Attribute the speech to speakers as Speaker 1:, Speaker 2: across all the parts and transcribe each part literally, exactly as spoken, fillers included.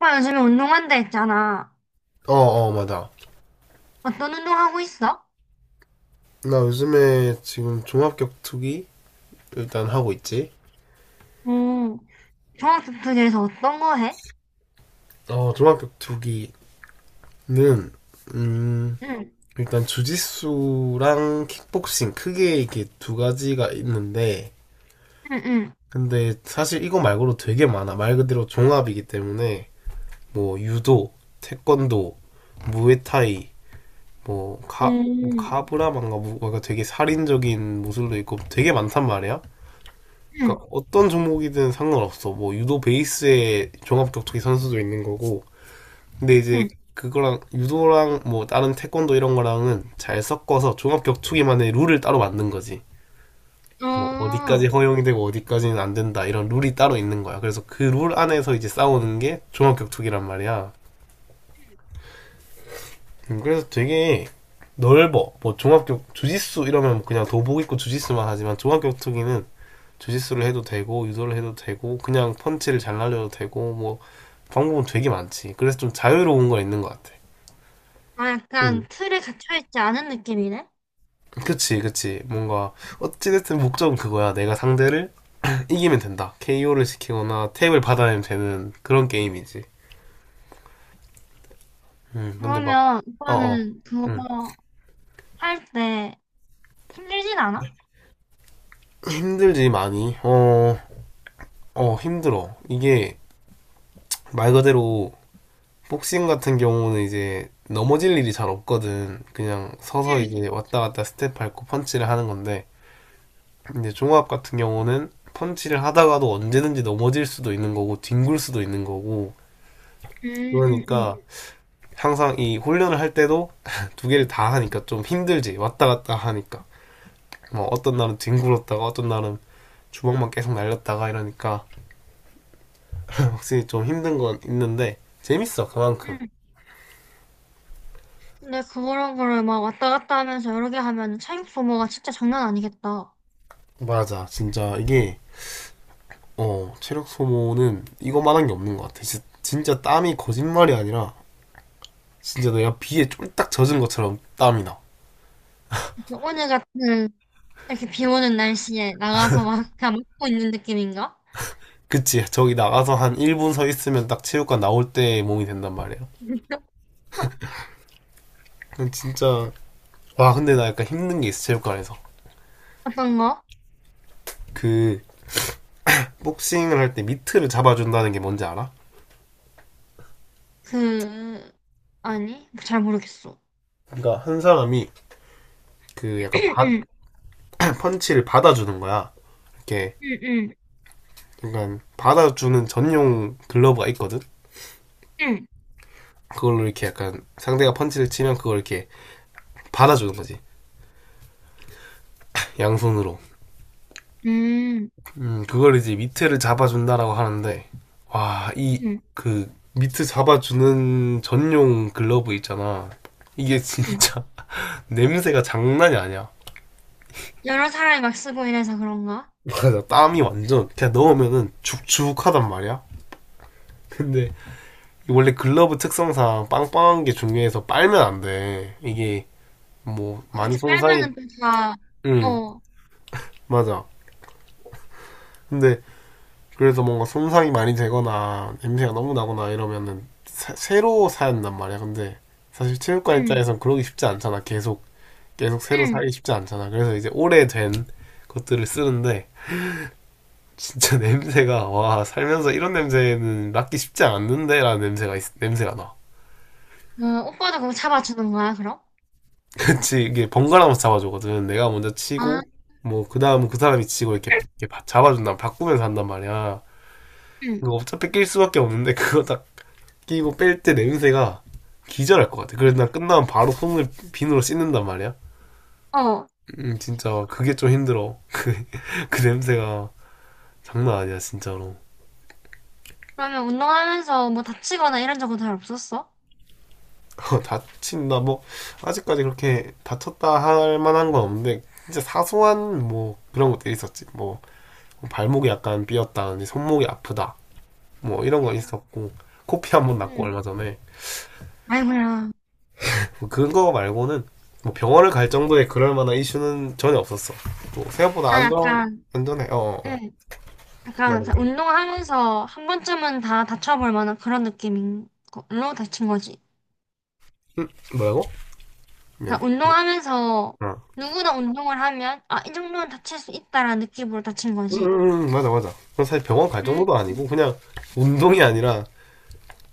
Speaker 1: 오빠 요즘에 운동한다 했잖아.
Speaker 2: 어, 어, 맞아.
Speaker 1: 어떤 운동 하고 있어?
Speaker 2: 나 요즘에 지금 종합격투기 일단 하고 있지.
Speaker 1: 응. 종합격투기에서 어떤 거 해?
Speaker 2: 어, 종합격투기는, 음,
Speaker 1: 응,
Speaker 2: 일단 주짓수랑 킥복싱 크게 이렇게 두 가지가 있는데,
Speaker 1: 응, 응.
Speaker 2: 근데 사실 이거 말고도 되게 많아. 말 그대로 종합이기 때문에, 뭐, 유도, 태권도, 무에타이, 뭐, 카, 뭐
Speaker 1: 응,
Speaker 2: 카브라만가 뭐가 되게 살인적인 무술도 있고 되게 많단 말이야.
Speaker 1: 응,
Speaker 2: 그러니까 어떤 종목이든 상관없어. 뭐 유도 베이스에 종합 격투기 선수도 있는 거고. 근데 이제
Speaker 1: 응.
Speaker 2: 그거랑 유도랑 뭐 다른 태권도 이런 거랑은 잘 섞어서 종합 격투기만의 룰을 따로 만든 거지.
Speaker 1: 어,
Speaker 2: 뭐 어디까지
Speaker 1: 아,
Speaker 2: 허용이 되고 어디까지는 안 된다 이런 룰이 따로 있는 거야. 그래서 그 룰 안에서 이제 싸우는 게 종합 격투기란 말이야. 음, 그래서 되게 넓어. 뭐 종합 격 주짓수 이러면 그냥 도복 입고 주짓수만 하지만 종합 격투기는 주짓수를 해도 되고 유도를 해도 되고 그냥 펀치를 잘 날려도 되고 뭐 방법은 되게 많지. 그래서 좀 자유로운 건 있는 것 같아.
Speaker 1: 약간
Speaker 2: 응,
Speaker 1: 틀에 갇혀있지 않은 느낌이네?
Speaker 2: 그치, 그치. 뭔가, 어찌됐든 목적은 그거야. 내가 상대를 이기면 된다. 케이오를 시키거나 탭을 받아내면 되는 그런 게임이지. 음, 근데 막,
Speaker 1: 그러면
Speaker 2: 어, 어,
Speaker 1: 오빠는
Speaker 2: 음.
Speaker 1: 그거 할 때 힘들진 않아?
Speaker 2: 힘들지, 많이. 어, 어, 힘들어. 이게 말 그대로 복싱 같은 경우는 이제 넘어질 일이 잘 없거든. 그냥 서서 이
Speaker 1: 응,
Speaker 2: 게 왔다 갔다 스텝 밟고 펀치를 하는 건데, 이제 종합 같은 경우는 펀치를 하다가도 언제든지 넘어질 수도 있는 거고, 뒹굴 수도 있는 거고,
Speaker 1: 응, 응, 응.
Speaker 2: 그러니까 항상 이 훈련을 할 때도 두 개를 다 하니까 좀 힘들지. 왔다 갔다 하니까. 뭐 어떤 날은 뒹굴었다가 어떤 날은 주먹만 계속 날렸다가 이러니까 확실히 좀 힘든 건 있는데 재밌어 그만큼.
Speaker 1: 응. 근데 그런 거를 막 왔다 갔다 하면서 여러 개 하면 체육 소모가 진짜 장난 아니겠다.
Speaker 2: 맞아 진짜 이게 어 체력 소모는 이거만한 게 없는 것 같아. 진짜, 진짜 땀이 거짓말이 아니라 진짜 내가 비에 쫄딱 젖은 것처럼 땀이 나.
Speaker 1: 그래서 오늘 같은 이렇게 비 오는 날씨에 나가서 막 그냥 먹고 있는 느낌인가?
Speaker 2: 그치 저기 나가서 한 일 분 서 있으면 딱 체육관 나올 때 몸이 된단 말이야. 진짜. 와 근데 나 약간 힘든 게 있어 체육관에서.
Speaker 1: 어떤 거?
Speaker 2: 그 복싱을 할 때 미트를 잡아준다는 게 뭔지 알아?
Speaker 1: 그, 아니, 잘 모르겠어.
Speaker 2: 그러니까 한 사람이 그 약간 받-
Speaker 1: 응,
Speaker 2: 펀치를 받아주는 거야. 이렇게
Speaker 1: 응,
Speaker 2: 약간 받아주는 전용 글러브가 있거든.
Speaker 1: 응,
Speaker 2: 그걸로 이렇게 약간 상대가 펀치를 치면 그걸 이렇게 받아주는 거지, 양손으로.
Speaker 1: 응, 응
Speaker 2: 음, 그걸 이제 밑에를 잡아준다라고 하는데 와 이
Speaker 1: 응,
Speaker 2: 그 밑에 잡아주는 전용 글러브 있잖아. 이게
Speaker 1: 응.
Speaker 2: 진짜 냄새가 장난이 아니야.
Speaker 1: 여러 사람이 막 쓰고 이래서 그런가?
Speaker 2: 맞아 땀이 완전 그냥 넣으면은 죽죽하단 말이야. 근데 원래 글러브 특성상 빵빵한 게 중요해서 빨면 안돼 이게. 뭐
Speaker 1: 어,
Speaker 2: 많이
Speaker 1: 그치,
Speaker 2: 손상이.
Speaker 1: 빨면은 또 다,
Speaker 2: 응,
Speaker 1: 어,
Speaker 2: 맞아. 근데 그래서 뭔가 손상이 많이 되거나 냄새가 너무 나거나 이러면은 새- 새로 사 я 단 말이야. 근데 사실 체육관
Speaker 1: 응,
Speaker 2: 입장에선 그러기 쉽지 않잖아. 계속 계속 새로
Speaker 1: 응.
Speaker 2: 사기 쉽지 않잖아. 그래서 이제 오래된 것들을 쓰는데 진짜 냄새가, 와 살면서 이런 냄새는 맡기 쉽지 않는데라는 냄새가 있- 냄새가 나.
Speaker 1: 어, 오빠도 그거 잡아주는 거야, 그럼?
Speaker 2: 그치 이게 번갈아가면서 잡아주거든. 내가 먼저
Speaker 1: 아,
Speaker 2: 치고 뭐 그 다음은 그 사람이 치고 이렇게, 이렇게 바- 잡아준다. 바꾸면서 한단 말이야.
Speaker 1: 응,
Speaker 2: 이거 어차피 낄 수밖에 없는데 그거 다 끼고 뺄 때 냄새가 기절할 것 같아. 그래서 난 끝나면 바로 손을 비누로 씻는단 말이야.
Speaker 1: 어.
Speaker 2: 음, 진짜 그게 좀 힘들어. 그, 그 냄새가 장난 아니야, 진짜로.
Speaker 1: 그러면 운동하면서 뭐 다치거나 이런 적은 잘 없었어?
Speaker 2: 다친다, 뭐, 아직까지 그렇게 다쳤다 할 만한 건 없는데, 진짜 사소한 뭐 그런 것들이 있었지. 뭐, 발목이 약간 삐었다, 손목이 아프다. 뭐 이런 건
Speaker 1: 응,
Speaker 2: 있었고, 코피 한번 났고
Speaker 1: 응.
Speaker 2: 얼마 전에.
Speaker 1: 아이고야.
Speaker 2: 뭐 그거 말고는 뭐 병원을 갈 정도의 그럴 만한 이슈는 전혀 없었어. 뭐 생각보다
Speaker 1: 나
Speaker 2: 안전
Speaker 1: 약간,
Speaker 2: 안전해. 어, 어, 어.
Speaker 1: 응 약간
Speaker 2: 맞아 맞아.
Speaker 1: 운동하면서 한 번쯤은 다 다쳐볼 만한 그런 느낌인 걸로 다친 거지.
Speaker 2: 음, 뭐라고? 미안.
Speaker 1: 그러니까 운동하면서
Speaker 2: 어.
Speaker 1: 누구나 운동을 하면 아, 이 정도는 다칠 수 있다라는 느낌으로 다친
Speaker 2: 음,
Speaker 1: 거지.
Speaker 2: 음, 음, 음. 맞아 맞아. 그건 사실 병원 갈
Speaker 1: 음,
Speaker 2: 정도도 아니고 그냥 운동이 아니라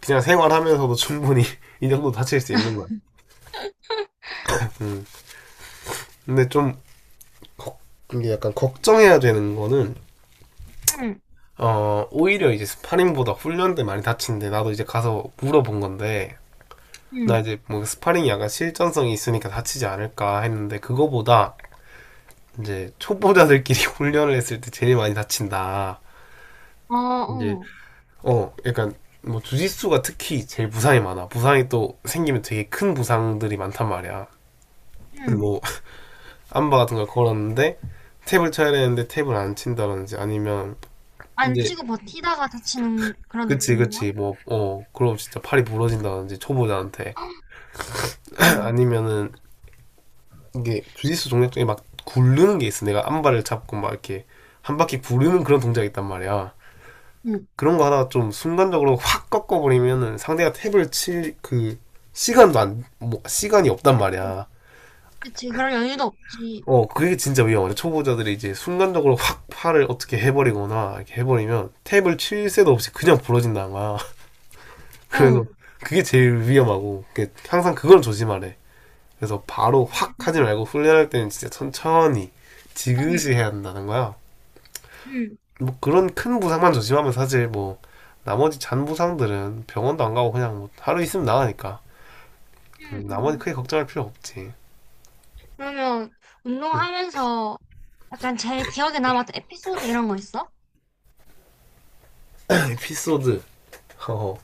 Speaker 2: 그냥 생활하면서도 충분히 이 정도 다칠 수 있는 거야. 음. 근데 좀 걱, 이게 약간 걱정해야 되는 거는
Speaker 1: 음,
Speaker 2: 어, 오히려 이제 스파링보다 훈련 때 많이 다치는데 나도 이제 가서 물어본 건데 나
Speaker 1: 음,
Speaker 2: 이제 뭐 스파링이 약간 실전성이 있으니까 다치지 않을까 했는데 그거보다 이제 초보자들끼리 훈련을 했을 때 제일 많이 다친다.
Speaker 1: 어,
Speaker 2: 이제
Speaker 1: 어,
Speaker 2: 어 약간 뭐 주짓수가 특히 제일 부상이 많아. 부상이 또 생기면 되게 큰 부상들이 많단 말이야.
Speaker 1: 음.
Speaker 2: 뭐 암바 같은 걸 걸었는데 탭을 쳐야 되는데 탭을 안 친다든지 아니면
Speaker 1: 안
Speaker 2: 이제
Speaker 1: 치고 버티다가 다치는 그런
Speaker 2: 그치
Speaker 1: 느낌인가?
Speaker 2: 그치 뭐 어 그럼 진짜 팔이 부러진다든지 초보자한테
Speaker 1: 응,
Speaker 2: 아니면은 이게 주짓수 동작 중에 막 굴르는 게 있어. 내가 암발을 잡고 막 이렇게 한 바퀴 구르는 그런 동작이 있단 말이야.
Speaker 1: 응,
Speaker 2: 그런 거 하다가 좀 순간적으로 확 꺾어버리면은 상대가 탭을 칠 그 시간도 안, 뭐, 시간이 없단
Speaker 1: 응.
Speaker 2: 말이야.
Speaker 1: 그치, 그런 여유도 없지.
Speaker 2: 어, 그게 진짜 위험하죠. 초보자들이 이제 순간적으로 확 팔을 어떻게 해버리거나 이렇게 해버리면 탭을 칠 새도 없이 그냥 부러진다는 거야.
Speaker 1: 어,
Speaker 2: 그래서 그게 제일 위험하고 그 항상 그걸 조심하래. 그래서 바로 확 하지
Speaker 1: 음,
Speaker 2: 말고 훈련할 때는 진짜 천천히
Speaker 1: 아니,
Speaker 2: 지그시 해야 한다는 거야.
Speaker 1: 응,
Speaker 2: 뭐 그런 큰 부상만 조심하면 사실 뭐 나머지 잔 부상들은 병원도 안 가고 그냥 뭐 하루 있으면 나가니까
Speaker 1: 응,
Speaker 2: 음, 나머지
Speaker 1: 응.
Speaker 2: 크게 걱정할 필요 없지.
Speaker 1: 그러면
Speaker 2: 음.
Speaker 1: 운동하면서 약간 제일 기억에 남았던 에피소드 이런 거 있어?
Speaker 2: 에피소드. 어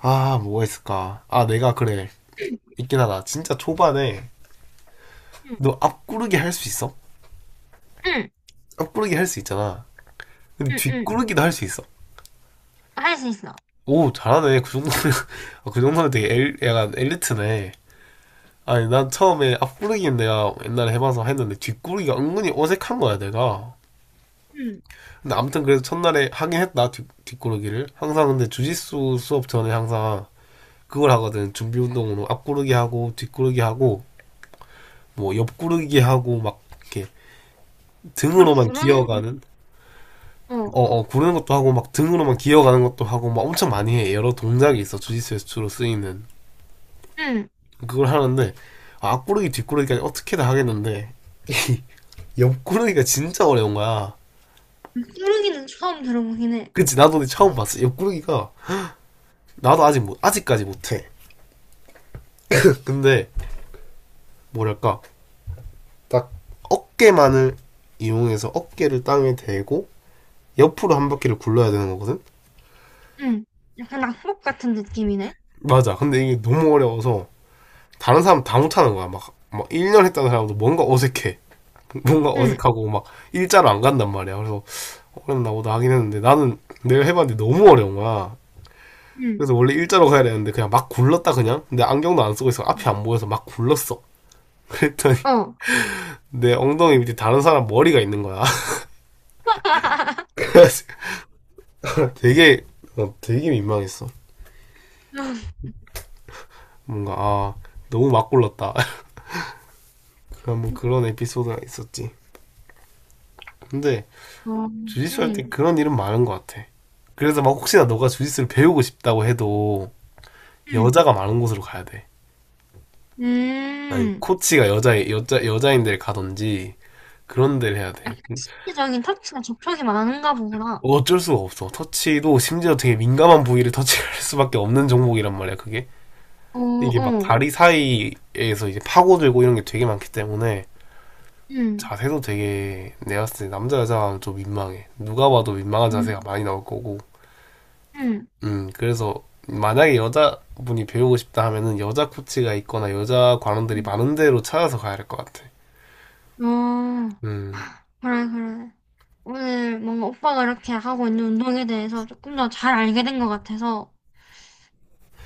Speaker 2: 아 뭐가 있을까? 아 내가 그래 있긴 하다. 진짜 초반에
Speaker 1: 응,
Speaker 2: 너 앞구르기 할 수 있어?
Speaker 1: 응,
Speaker 2: 앞구르기 할 수 있잖아. 근데
Speaker 1: 응, 응.
Speaker 2: 뒷구르기도 할 수 있어.
Speaker 1: 할 수 있어.
Speaker 2: 오 잘하네. 그 정도면 그 정도면 되게 엘, 약간 엘리트네. 아니 난 처음에 앞구르기는 내가 옛날에 해봐서 했는데 뒷구르기가 은근히 어색한 거야 내가.
Speaker 1: 응,
Speaker 2: 근데 아무튼 그래서 첫날에 하긴 했다 뒷, 뒷구르기를 항상 근데 주짓수 수업 전에 항상 그걸 하거든. 준비 운동으로 앞구르기 하고 뒷구르기 하고 뭐 옆구르기 하고 막 이렇게
Speaker 1: 막
Speaker 2: 등으로만
Speaker 1: 구르는 거.
Speaker 2: 기어가는,
Speaker 1: 어,
Speaker 2: 어어 구르는 것도 하고 막 등으로만 기어가는 것도 하고 막 엄청 많이 해. 여러 동작이 있어 주짓수에서 주로 쓰이는.
Speaker 1: 응.
Speaker 2: 그걸 하는데 아, 앞구르기 뒷구르기까지 어떻게든 하겠는데 옆구르기가 진짜 어려운 거야.
Speaker 1: 구르기는 처음 들어보긴 해.
Speaker 2: 그치 나도 근데 처음 봤어 옆구르기가. 나도 아직 못 아직까지 못해. 근데 뭐랄까 딱 어깨만을 이용해서 어깨를 땅에 대고 옆으로 한
Speaker 1: 응,
Speaker 2: 바퀴를 굴러야 되는 거거든?
Speaker 1: 응. 약간 낙법 같은 느낌이네.
Speaker 2: 맞아. 근데 이게 너무 어려워서 다른 사람 다 못하는 거야. 막, 막 일 년 했다는 사람도 뭔가 어색해. 뭔가
Speaker 1: 응,
Speaker 2: 어색하고 막 일자로 안 간단 말이야. 그래서 어렵나 보다 하긴 했는데 나는 내가 해봤는데 너무 어려운 거야.
Speaker 1: 응.
Speaker 2: 그래서 원래 일자로 가야 되는데 그냥 막 굴렀다 그냥. 근데 안경도 안 쓰고 있어 앞이 안 보여서 막 굴렀어. 그랬더니
Speaker 1: 어.
Speaker 2: 내 엉덩이 밑에 다른 사람 머리가 있는 거야. 되게, 어, 되게 민망했어. 뭔가 아 너무 막 골랐다. 한번 그런 에피소드가 있었지. 근데
Speaker 1: 어,
Speaker 2: 주짓수 할 때
Speaker 1: 응.
Speaker 2: 그런 일은 많은 것 같아. 그래서 막 혹시나 너가 주짓수를 배우고 싶다고 해도
Speaker 1: 응.
Speaker 2: 여자가 많은 곳으로 가야 돼. 아니면
Speaker 1: 음,
Speaker 2: 코치가 여자 여자 여자인 데를 가든지 그런 데를 해야 돼.
Speaker 1: 약간 신체적인 터치가 접촉이 많은가 보구나.
Speaker 2: 어쩔 수가 없어. 터치도 심지어 되게 민감한 부위를 터치할 수밖에 없는 종목이란 말이야. 그게
Speaker 1: 어,
Speaker 2: 이게 막
Speaker 1: 어,
Speaker 2: 다리 사이에서 이제 파고들고 이런 게 되게 많기 때문에
Speaker 1: 응,
Speaker 2: 자세도 되게 내가 봤을 때 남자 여자가 좀 민망해. 누가 봐도 민망한
Speaker 1: 응,
Speaker 2: 자세가 많이 나올 거고.
Speaker 1: 응.
Speaker 2: 음, 그래서 만약에 여자분이 배우고 싶다 하면은 여자 코치가 있거나 여자 관원들이 많은 데로 찾아서 가야 할 것 같아.
Speaker 1: 어,
Speaker 2: 음,
Speaker 1: 그래, 그래. 오늘 뭔가 오빠가 이렇게 하고 있는 운동에 대해서 조금 더 잘 알게 된 것 같아서,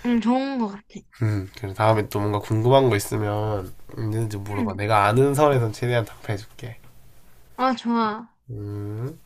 Speaker 1: 음, 좋은 것 같아.
Speaker 2: 음. 그래 다음에 또 뭔가 궁금한 거 있으면 있는지 물어봐.
Speaker 1: 음,
Speaker 2: 내가 아는 선에선 최대한 답해줄게.
Speaker 1: 아, 좋아.
Speaker 2: 음.